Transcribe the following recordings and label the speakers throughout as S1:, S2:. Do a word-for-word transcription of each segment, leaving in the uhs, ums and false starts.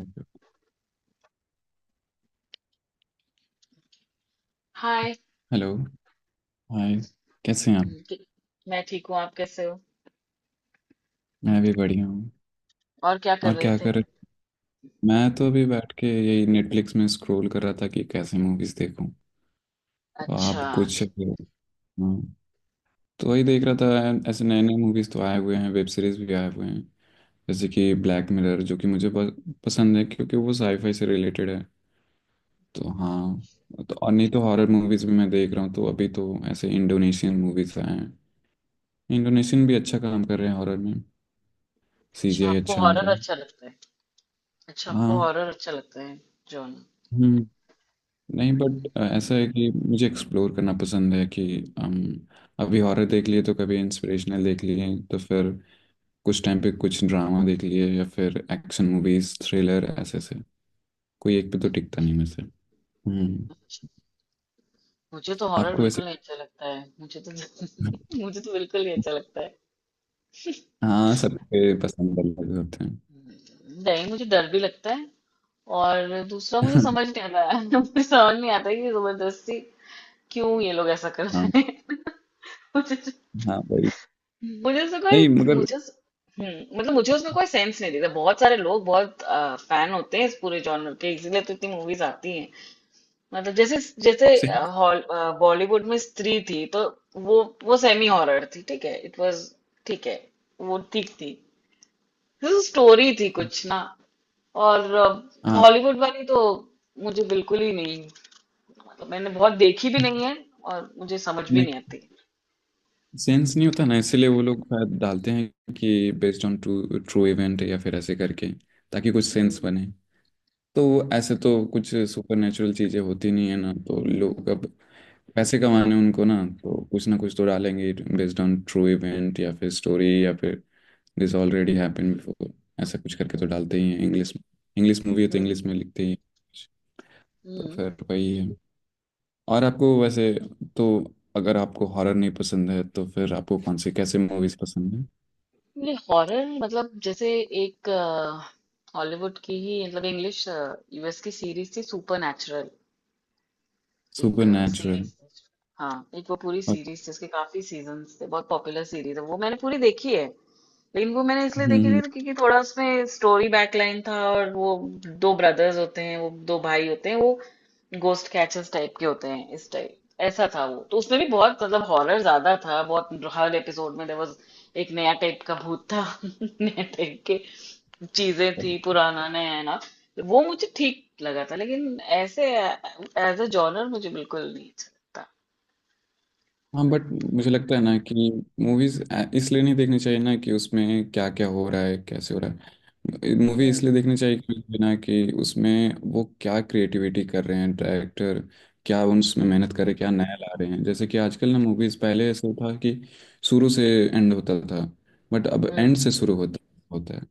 S1: Hello.
S2: Hi.
S1: Hi. कैसे हैं आप?
S2: क- मैं ठीक हूँ। आप कैसे हो?
S1: मैं भी बढ़िया हूँ।
S2: और क्या कर
S1: और
S2: रहे
S1: क्या
S2: थे?
S1: कर रहे। मैं तो अभी बैठ के यही नेटफ्लिक्स में स्क्रॉल कर रहा था कि कैसे मूवीज देखूं। तो आप
S2: अच्छा।
S1: कुछ। हाँ। तो वही देख रहा था, ऐसे नए नए मूवीज तो आए हुए हैं, वेब सीरीज भी आए हुए हैं। जैसे कि ब्लैक मिरर, जो कि मुझे बहुत पसंद है क्योंकि वो साईफाई से रिलेटेड है। तो हाँ, तो और नहीं तो हॉरर मूवीज भी मैं देख रहा हूँ, तो अभी तो ऐसे इंडोनेशियन मूवीज आए हैं। इंडोनेशियन भी अच्छा काम कर रहे हैं हॉरर में।
S2: अच्छा,
S1: सीजीआई
S2: आपको
S1: अच्छा है उनका।
S2: हॉरर अच्छा लगता है? अच्छा, आपको
S1: हाँ।
S2: हॉरर अच्छा लगता है? जॉन?
S1: हम्म। नहीं, बट ऐसा है कि मुझे एक्सप्लोर करना पसंद है कि हम अभी हॉरर देख लिए, तो कभी इंस्पिरेशनल देख लिए, तो फिर कुछ टाइम पे कुछ ड्रामा देख लिए, या फिर एक्शन मूवीज, थ्रिलर, ऐसे ऐसे। कोई एक पे तो टिकता नहीं मुझसे। हम्म।
S2: अच्छा। मुझे तो हॉरर
S1: आपको ऐसे।
S2: बिल्कुल नहीं अच्छा लगता है, मुझे तो मुझे तो बिल्कुल नहीं अच्छा लगता है।
S1: हाँ, सबके पसंद अलग होते हैं।
S2: नहीं, मुझे डर भी लगता है। और दूसरा, मुझे समझ नहीं आता है। मुझे समझ नहीं आता है कि जबरदस्ती क्यों ये लोग ऐसा कर
S1: हाँ।
S2: रहे हैं। मुझे,
S1: हाँ वही।
S2: मुझे उसमें कोई,
S1: नहीं मगर।
S2: मुझे उस- हम्म मतलब मुझे उसमें कोई सेंस नहीं दिखता। बहुत सारे लोग बहुत फैन होते हैं इस पूरे जॉनर के, इसीलिए तो इतनी मूवीज आती हैं। मतलब जैसे जैसे
S1: सही।
S2: अ, हॉल अ, बॉलीवुड में स्त्री थी, तो वो वो सेमी हॉरर थी, ठीक है। इट वाज ठीक है, वो ठीक थी, स्टोरी थी कुछ ना। और अ,
S1: हाँ।
S2: हॉलीवुड वाली तो मुझे बिल्कुल ही नहीं, मतलब मैंने बहुत देखी भी नहीं है, और मुझे समझ भी नहीं आती।
S1: सेंस नहीं होता ना, इसीलिए वो लोग शायद डालते हैं कि based on true true event या फिर ऐसे करके, ताकि कुछ सेंस
S2: हम्म।
S1: बने। तो ऐसे तो कुछ सुपर नेचुरल चीज़ें होती नहीं है ना, तो लोग अब पैसे कमाने उनको ना, तो कुछ ना कुछ तो डालेंगे बेस्ड ऑन ट्रू इवेंट या फिर स्टोरी या फिर दिस ऑलरेडी हैपेंड बिफोर, ऐसा कुछ करके तो डालते ही हैं इंग्लिश में। इंग्लिश मूवी है तो
S2: हम्म।
S1: इंग्लिश में लिखते ही हैं। तो
S2: हम्म।
S1: फिर वही है। और आपको वैसे, तो अगर आपको हॉरर नहीं पसंद है तो फिर आपको कौन सी कैसे मूवीज पसंद है?
S2: नहीं, हॉरर मतलब जैसे, एक हॉलीवुड की ही, मतलब इंग्लिश यू एस की सीरीज थी, सुपर नेचुरल,
S1: सुपर
S2: एक
S1: नेचुरल।
S2: सीरीज थी। हाँ, एक वो पूरी
S1: हम्म।
S2: सीरीज थी, उसके काफी सीजन्स थे, बहुत पॉपुलर सीरीज है वो, मैंने पूरी देखी है। लेकिन वो मैंने इसलिए देखी
S1: हम्म।
S2: थी क्योंकि थोड़ा उसमें स्टोरी बैकलाइन था, और वो दो ब्रदर्स होते हैं, वो दो भाई होते हैं, वो गोस्ट कैचर्स टाइप के होते हैं, इस टाइप। ऐसा था वो, तो उसमें भी बहुत, मतलब हॉरर ज्यादा था बहुत, हर एपिसोड में देयर वाज एक नया टाइप का भूत था। नया टाइप के चीजें थी, पुराना नया ना। वो मुझे ठीक लगा था, लेकिन ऐसे एज अ जॉनर मुझे बिल्कुल नहीं अच्छा लगता।
S1: हाँ बट मुझे लगता है ना कि मूवीज इसलिए नहीं देखनी चाहिए ना कि उसमें क्या क्या हो रहा है, कैसे हो रहा है। मूवी
S2: हम्म।
S1: इसलिए देखनी चाहिए कि ना कि उसमें वो क्या क्रिएटिविटी कर रहे हैं डायरेक्टर, क्या उसमें
S2: हम्म।
S1: मेहनत करे, क्या नया ला रहे हैं। जैसे कि आजकल ना मूवीज, पहले ऐसा था कि शुरू से एंड होता था, बट अब
S2: हम्म।
S1: एंड से शुरू होता होता है।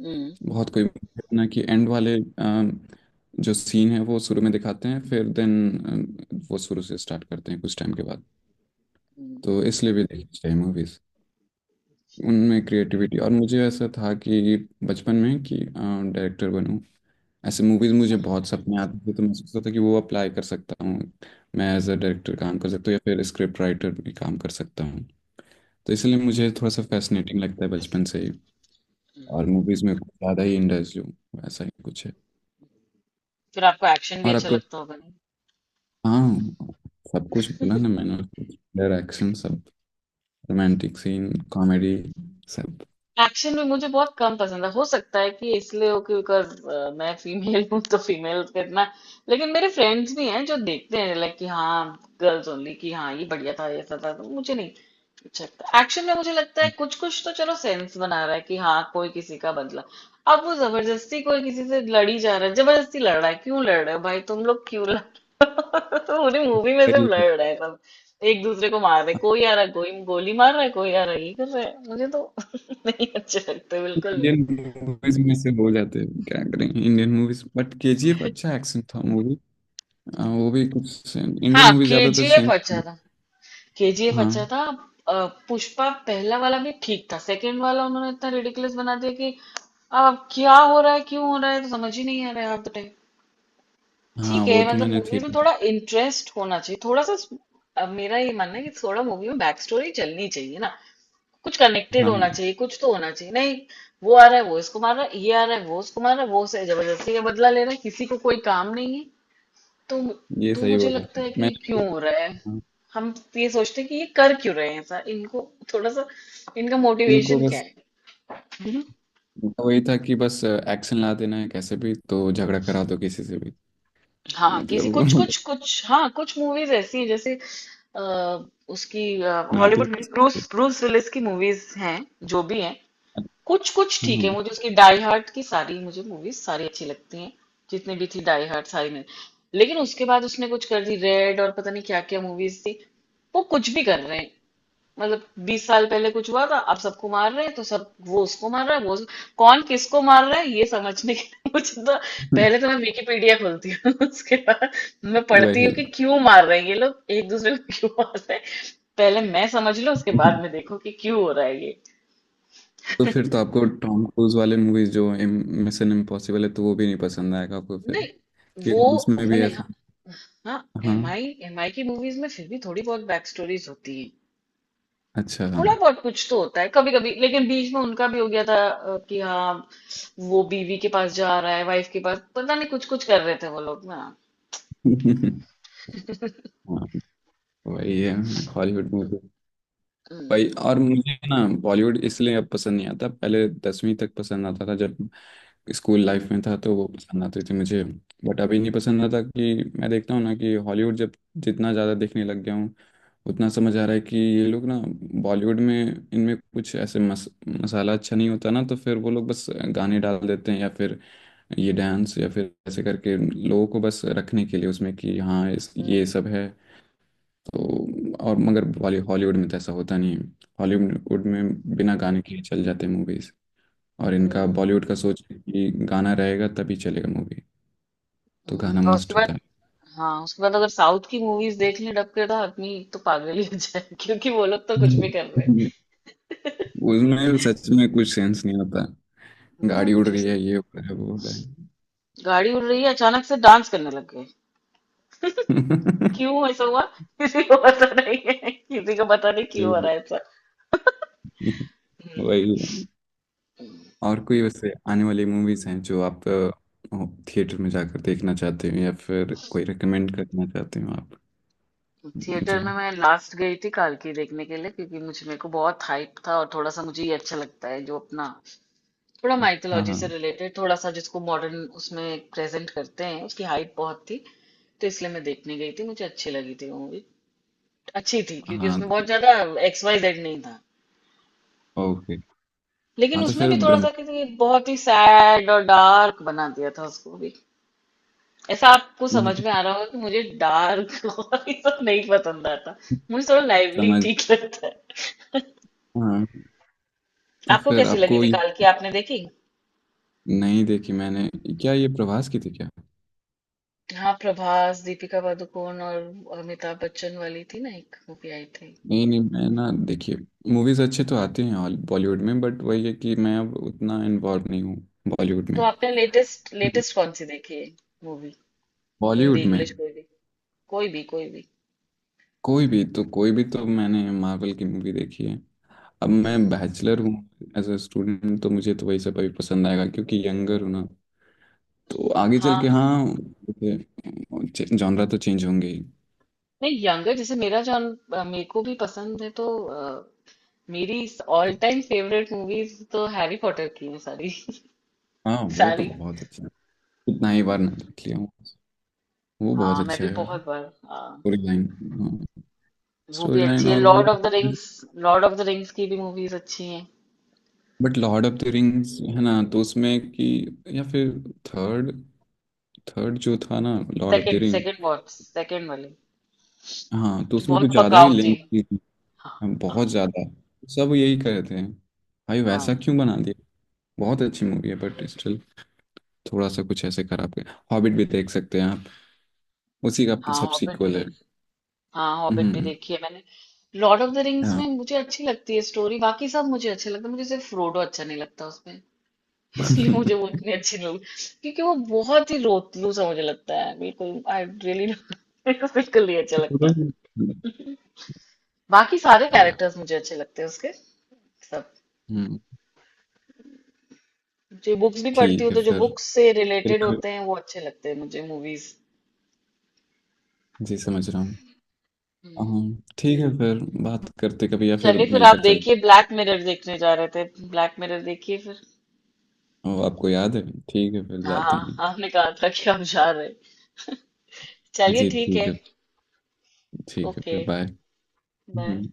S2: हम्म।
S1: बहुत कोई, ना कि एंड वाले अम, जो सीन है वो शुरू में दिखाते हैं, फिर देन वो शुरू से स्टार्ट करते हैं कुछ टाइम के बाद।
S2: हम्म,
S1: तो इसलिए भी देखनी चाहिए मूवीज, उनमें क्रिएटिविटी। और मुझे ऐसा था कि बचपन में कि डायरेक्टर बनूं, ऐसे मूवीज मुझे बहुत सपने आते थे, तो मैं सोचता था कि वो अप्लाई कर सकता हूँ, मैं एज अ डायरेक्टर काम कर सकता हूँ या फिर स्क्रिप्ट राइटर भी काम कर सकता हूँ। तो इसलिए मुझे थोड़ा सा फैसिनेटिंग लगता है बचपन से ही। और
S2: हम्म।
S1: मूवीज में कुछ ज़्यादा ही इंटरेस्ट जो, ऐसा ही कुछ है।
S2: फिर आपको एक्शन भी
S1: और
S2: अच्छा
S1: आपको।
S2: लगता होगा?
S1: हाँ। सब कुछ बोला ना मैंने। डायरेक्शन सब, रोमांटिक सीन, कॉमेडी, सब।
S2: एक्शन भी मुझे बहुत कम पसंद है, हो सकता है कि इसलिए हो कि बिकॉज मैं फीमेल हूँ, तो फीमेल का इतना। लेकिन मेरे फ्रेंड्स भी हैं जो देखते हैं, लाइक कि हाँ गर्ल्स ओनली, कि हाँ ये बढ़िया था ऐसा था, तो मुझे नहीं अच्छा लगता। एक्शन में मुझे लगता है कुछ कुछ तो चलो सेंस बना रहा है कि हाँ, कोई किसी का बदला। अब वो जबरदस्ती कोई किसी से लड़ी जा रहा है, जबरदस्ती लड़ रहा है, क्यों लड़ रहे हो भाई, तुम लोग क्यों लड़। तो पूरी मूवी में सब
S1: सही है।
S2: लड़ रहे हैं, सब एक दूसरे को मार रहे हैं। कोई आ रहा है, कोई गोली मार रहा है, कोई आ रहा है, ये कर रहा है, मुझे तो नहीं अच्छे लगते बिल्कुल भी।
S1: इंडियन मूवीज में से हो जाते हैं, क्या करें इंडियन मूवीज, बट केजीएफ अच्छा एक्शन था मूवी। वो भी कुछ इंडियन
S2: हाँ,
S1: मूवी ज्यादातर
S2: के जी एफ
S1: सेम।
S2: अच्छा था। के जी एफ अच्छा
S1: हाँ।
S2: था। अ, पुष्पा पहला वाला भी ठीक था, सेकंड वाला उन्होंने इतना रिडिकुलस बना दिया कि अब क्या हो रहा है, क्यों हो रहा है, तो समझ ही नहीं आ रहा है, आप बताइए।
S1: हाँ
S2: ठीक है,
S1: वो तो
S2: मतलब
S1: मैंने
S2: मूवी में
S1: थिएटर।
S2: थोड़ा इंटरेस्ट होना चाहिए, थोड़ा सा। अब मेरा ये मानना है कि थोड़ा मूवी में बैक स्टोरी चलनी चाहिए ना, कुछ कनेक्टेड
S1: हाँ
S2: होना
S1: हाँ,
S2: चाहिए, कुछ तो होना चाहिए। नहीं, वो आ रहा है, वो इसको मार रहा है, ये आ रहा है, वो उसको मार रहा है, वो उसे जबरदस्ती का बदला ले रहा है, किसी को कोई काम नहीं है तो।
S1: ये
S2: तो
S1: सही
S2: मुझे
S1: बोला
S2: लगता है कि ये
S1: मैंने।
S2: क्यों हो रहा है,
S1: हाँ।
S2: हम ये सोचते हैं कि ये कर क्यों रहे हैं ऐसा, इनको थोड़ा सा, इनका
S1: उनको
S2: मोटिवेशन क्या
S1: बस
S2: है। हम्म।
S1: वही था कि बस एक्शन ला देना है, कैसे भी तो झगड़ा करा दो किसी से भी। तो
S2: हाँ, किसी, कुछ
S1: मतलब
S2: कुछ कुछ, हाँ, कुछ मूवीज ऐसी हैं जैसे अ, उसकी, हॉलीवुड
S1: मैपिंग।
S2: में ब्रूस ब्रूस विलिस की मूवीज हैं, जो भी हैं। कुछ कुछ
S1: हाँ
S2: ठीक है,
S1: हाँ।
S2: मुझे उसकी डाई हार्ड की सारी मुझे मूवीज सारी अच्छी लगती हैं, जितनी भी थी डाई हार्ड सारी में। लेकिन उसके बाद उसने कुछ कर दी रेड और पता नहीं क्या क्या मूवीज थी, वो कुछ भी कर रहे हैं। मतलब बीस साल पहले कुछ हुआ था, अब सबको मार रहे हैं, तो सब, वो उसको मार रहा है, वो, कौन किसको मार रहा है ये समझने के लिए मुझे तो पहले तो मैं विकिपीडिया खोलती हूँ, उसके बाद मैं पढ़ती हूँ
S1: वही।
S2: कि क्यों मार रहे हैं ये लोग, एक दूसरे को क्यों मार रहे हैं, पहले मैं समझ लूं, उसके बाद में देखो कि क्यों हो रहा है ये।
S1: तो फिर तो आपको टॉम क्रूज वाले मूवीज जो मिशन इम्पॉसिबल है, तो वो भी नहीं पसंद आएगा आपको फिर,
S2: नहीं, वो,
S1: क्योंकि उसमें
S2: वो
S1: भी
S2: नहीं,
S1: ऐसा।
S2: हाँ। हाँ,
S1: हाँ,
S2: एम आई एम आई की मूवीज में फिर भी थोड़ी बहुत बैक स्टोरीज होती हैं,
S1: अच्छा हाँ।
S2: थोड़ा बहुत कुछ तो होता है कभी कभी। लेकिन बीच में उनका भी हो गया था अ, कि हाँ वो बीवी के पास जा रहा है, वाइफ के पास, पता नहीं कुछ कुछ कर रहे थे वो लोग ना।
S1: हाँ, वही है हॉलीवुड मूवी। भाई
S2: हम्म।
S1: और मुझे ना, बॉलीवुड इसलिए अब पसंद नहीं आता, पहले दसवीं तक पसंद आता था जब स्कूल
S2: हम्म।
S1: लाइफ में था तो वो पसंद आती थी मुझे, बट अभी नहीं पसंद आता। कि मैं देखता हूँ ना कि हॉलीवुड जब जितना ज़्यादा देखने लग गया हूँ, उतना समझ आ रहा है कि ये लोग ना, बॉलीवुड में इनमें कुछ ऐसे मस, मसाला अच्छा नहीं होता ना, तो फिर वो लोग बस गाने डाल देते हैं या फिर ये डांस या फिर ऐसे करके लोगों को बस रखने के लिए उसमें कि हाँ इस ये
S2: हम्म।
S1: सब है। तो और मगर बॉली हॉलीवुड में तो ऐसा होता नहीं है। हॉलीवुड
S2: हम्म।
S1: में बिना गाने के ही चल जाते हैं मूवीज। और इनका
S2: हम्म,
S1: बॉलीवुड का सोच है कि गाना रहेगा तभी चलेगा मूवी। तो
S2: हम्म।
S1: गाना
S2: और उसके
S1: मस्ट होता
S2: बाद,
S1: है।
S2: हाँ, उसके बाद अगर साउथ की मूवीज देख लें डब के तो आदमी तो पागल ही हो जाए, क्योंकि वो लोग तो कुछ भी कर रहे हैं।
S1: हम्म। उसमें सच में कुछ सेंस नहीं होता,
S2: हम्म,
S1: गाड़ी उड़
S2: कुछ भी
S1: रही है, ये
S2: समझे,
S1: हो रहा है, वो हो रहा है।
S2: गाड़ी उड़ रही है, अचानक से डांस करने लग गए, क्यों ऐसा हुआ? किसी को पता नहीं है, किसी को पता नहीं
S1: ये हो
S2: क्यों हो रहा है
S1: रहा
S2: ऐसा।
S1: है। वही है।
S2: हम्म।
S1: और कोई वैसे आने वाली मूवीज हैं जो आप थिएटर में जाकर देखना चाहते हो या फिर कोई रिकमेंड करना चाहते हो आप
S2: थिएटर
S1: मुझे?
S2: में मैं लास्ट गई थी की देखने के लिए क्योंकि मुझे, मेरे को बहुत हाइप था, और थोड़ा सा मुझे ये अच्छा लगता है, जो अपना थोड़ा
S1: हाँ
S2: माइथोलॉजी
S1: हाँ
S2: से रिलेटेड थोड़ा सा जिसको मॉडर्न उसमें प्रेजेंट करते हैं, उसकी हाइप बहुत थी, तो इसलिए मैं देखने गई थी, मुझे अच्छी लगी थी वो मूवी, अच्छी थी क्योंकि
S1: हाँ।
S2: उसमें बहुत ज्यादा एक्स वाई जेड नहीं था।
S1: ओके।
S2: लेकिन
S1: हाँ तो
S2: उसमें
S1: फिर
S2: भी थोड़ा
S1: ब्रह्मा।
S2: सा किसी, बहुत ही सैड और डार्क बना दिया था उसको भी, ऐसा आपको
S1: हम्म,
S2: समझ
S1: तो
S2: में आ रहा होगा कि मुझे डार्क और ये सब नहीं पसंद आता, मुझे थोड़ा लाइवली
S1: समझ।
S2: ठीक लगता है।
S1: हाँ, तो
S2: आपको
S1: फिर
S2: कैसी लगी
S1: आपको
S2: थी
S1: ये।
S2: काल की, आपने देखी?
S1: नहीं देखी मैंने। क्या ये प्रभास की थी क्या?
S2: हाँ, प्रभास दीपिका पादुकोण और अमिताभ बच्चन वाली थी ना, एक मूवी आई थी।
S1: नहीं नहीं, मैं ना देखिए, मूवीज अच्छे तो आते हैं हॉल- बॉलीवुड में, बट वही है कि मैं अब उतना इन्वॉल्व नहीं हूँ बॉलीवुड
S2: तो
S1: में।
S2: आपने लेटेस्ट लेटेस्ट कौन सी देखी है मूवी, हिंदी
S1: बॉलीवुड में
S2: इंग्लिश कोई भी, कोई भी कोई भी?
S1: कोई भी, तो कोई भी, तो मैंने मार्वल की मूवी देखी है। अब मैं
S2: हम्म,
S1: बैचलर हूँ, एज अ स्टूडेंट, तो मुझे तो वही सब अभी पसंद आएगा क्योंकि यंगर हूँ ना, तो आगे चल के
S2: हाँ।
S1: हाँ जॉनरा तो चेंज होंगे ही।
S2: नहीं यंगर, जैसे मेरा जॉन अ, मेरे को भी पसंद है, तो अ, मेरी ऑल टाइम फेवरेट मूवीज तो हैरी पॉटर की है सारी।
S1: हाँ वो तो
S2: सारी।
S1: बहुत अच्छा है। कितना ही बार नाम लिख लिया हूँ, वो बहुत
S2: हाँ, मैं
S1: अच्छा
S2: भी
S1: है यार।
S2: बहुत बार। हाँ,
S1: स्टोरी लाइन। हाँ,
S2: वो भी
S1: स्टोरी
S2: अच्छी
S1: लाइन
S2: है,
S1: और वो।
S2: Lord of the Rings. Lord of the Rings की भी मूवीज अच्छी हैं।
S1: But Lord of the Rings है ना, तो उसमें कि, या फिर थर्ड थर्ड जो था ना Lord of the
S2: second,
S1: ring,
S2: second बहुत, सेकंड वाली
S1: हाँ तो
S2: जो
S1: उसमें कुछ
S2: बहुत
S1: ज़्यादा ही
S2: पकाऊ थी।
S1: लेंथ थी।
S2: हाँ।
S1: हाँ,
S2: हाँ।
S1: बहुत ज़्यादा। सब यही कह रहे थे, भाई वैसा
S2: हाँ,
S1: क्यों बना दिया। बहुत अच्छी मूवी है बट स्टिल थोड़ा सा कुछ ऐसे खराब कर। हॉबिट भी देख सकते हैं आप, उसी का
S2: हाँ,
S1: सब
S2: हॉबिट भी
S1: सीक्वल है।
S2: देखी। हाँ, हॉबिट भी
S1: हम्म।
S2: देखी है मैंने। लॉर्ड ऑफ द रिंग्स
S1: हाँ।
S2: में मुझे अच्छी लगती है स्टोरी, बाकी सब मुझे अच्छा लगता है, मुझे सिर्फ फ्रोडो अच्छा नहीं लगता उसमें। इसलिए मुझे वो इतनी अच्छी नहीं लगती, क्योंकि वो बहुत ही रोतलू सा मुझे लगता है बिल्कुल, आई रियली मेरे को बिल्कुल नहीं अच्छा लगता। बाकी सारे
S1: अरे यार।
S2: कैरेक्टर्स मुझे अच्छे लगते हैं उसके सब।
S1: हम्म।
S2: जी, बुक्स भी पढ़ती
S1: ठीक
S2: हूँ,
S1: है
S2: तो जो
S1: फिर।
S2: बुक्स से
S1: फिर
S2: रिलेटेड
S1: कभी-
S2: होते हैं वो अच्छे लगते हैं मुझे, मूवीज।
S1: जी समझ रहा हूँ।
S2: हम्म।
S1: हम्म, ठीक है फिर, बात करते कभी या फिर
S2: चलिए फिर आप
S1: मिलकर चल।
S2: देखिए, ब्लैक मिरर देखने जा रहे थे, ब्लैक मिरर देखिए फिर।
S1: ओ, आपको याद है। ठीक है फिर जाता
S2: हाँ,
S1: हूँ।
S2: आपने कहा था कि आप जा रहे। चलिए,
S1: जी
S2: ठीक
S1: ठीक
S2: है।
S1: है। ठीक है
S2: ओके।
S1: फिर बाय।
S2: बाय।
S1: हम्म।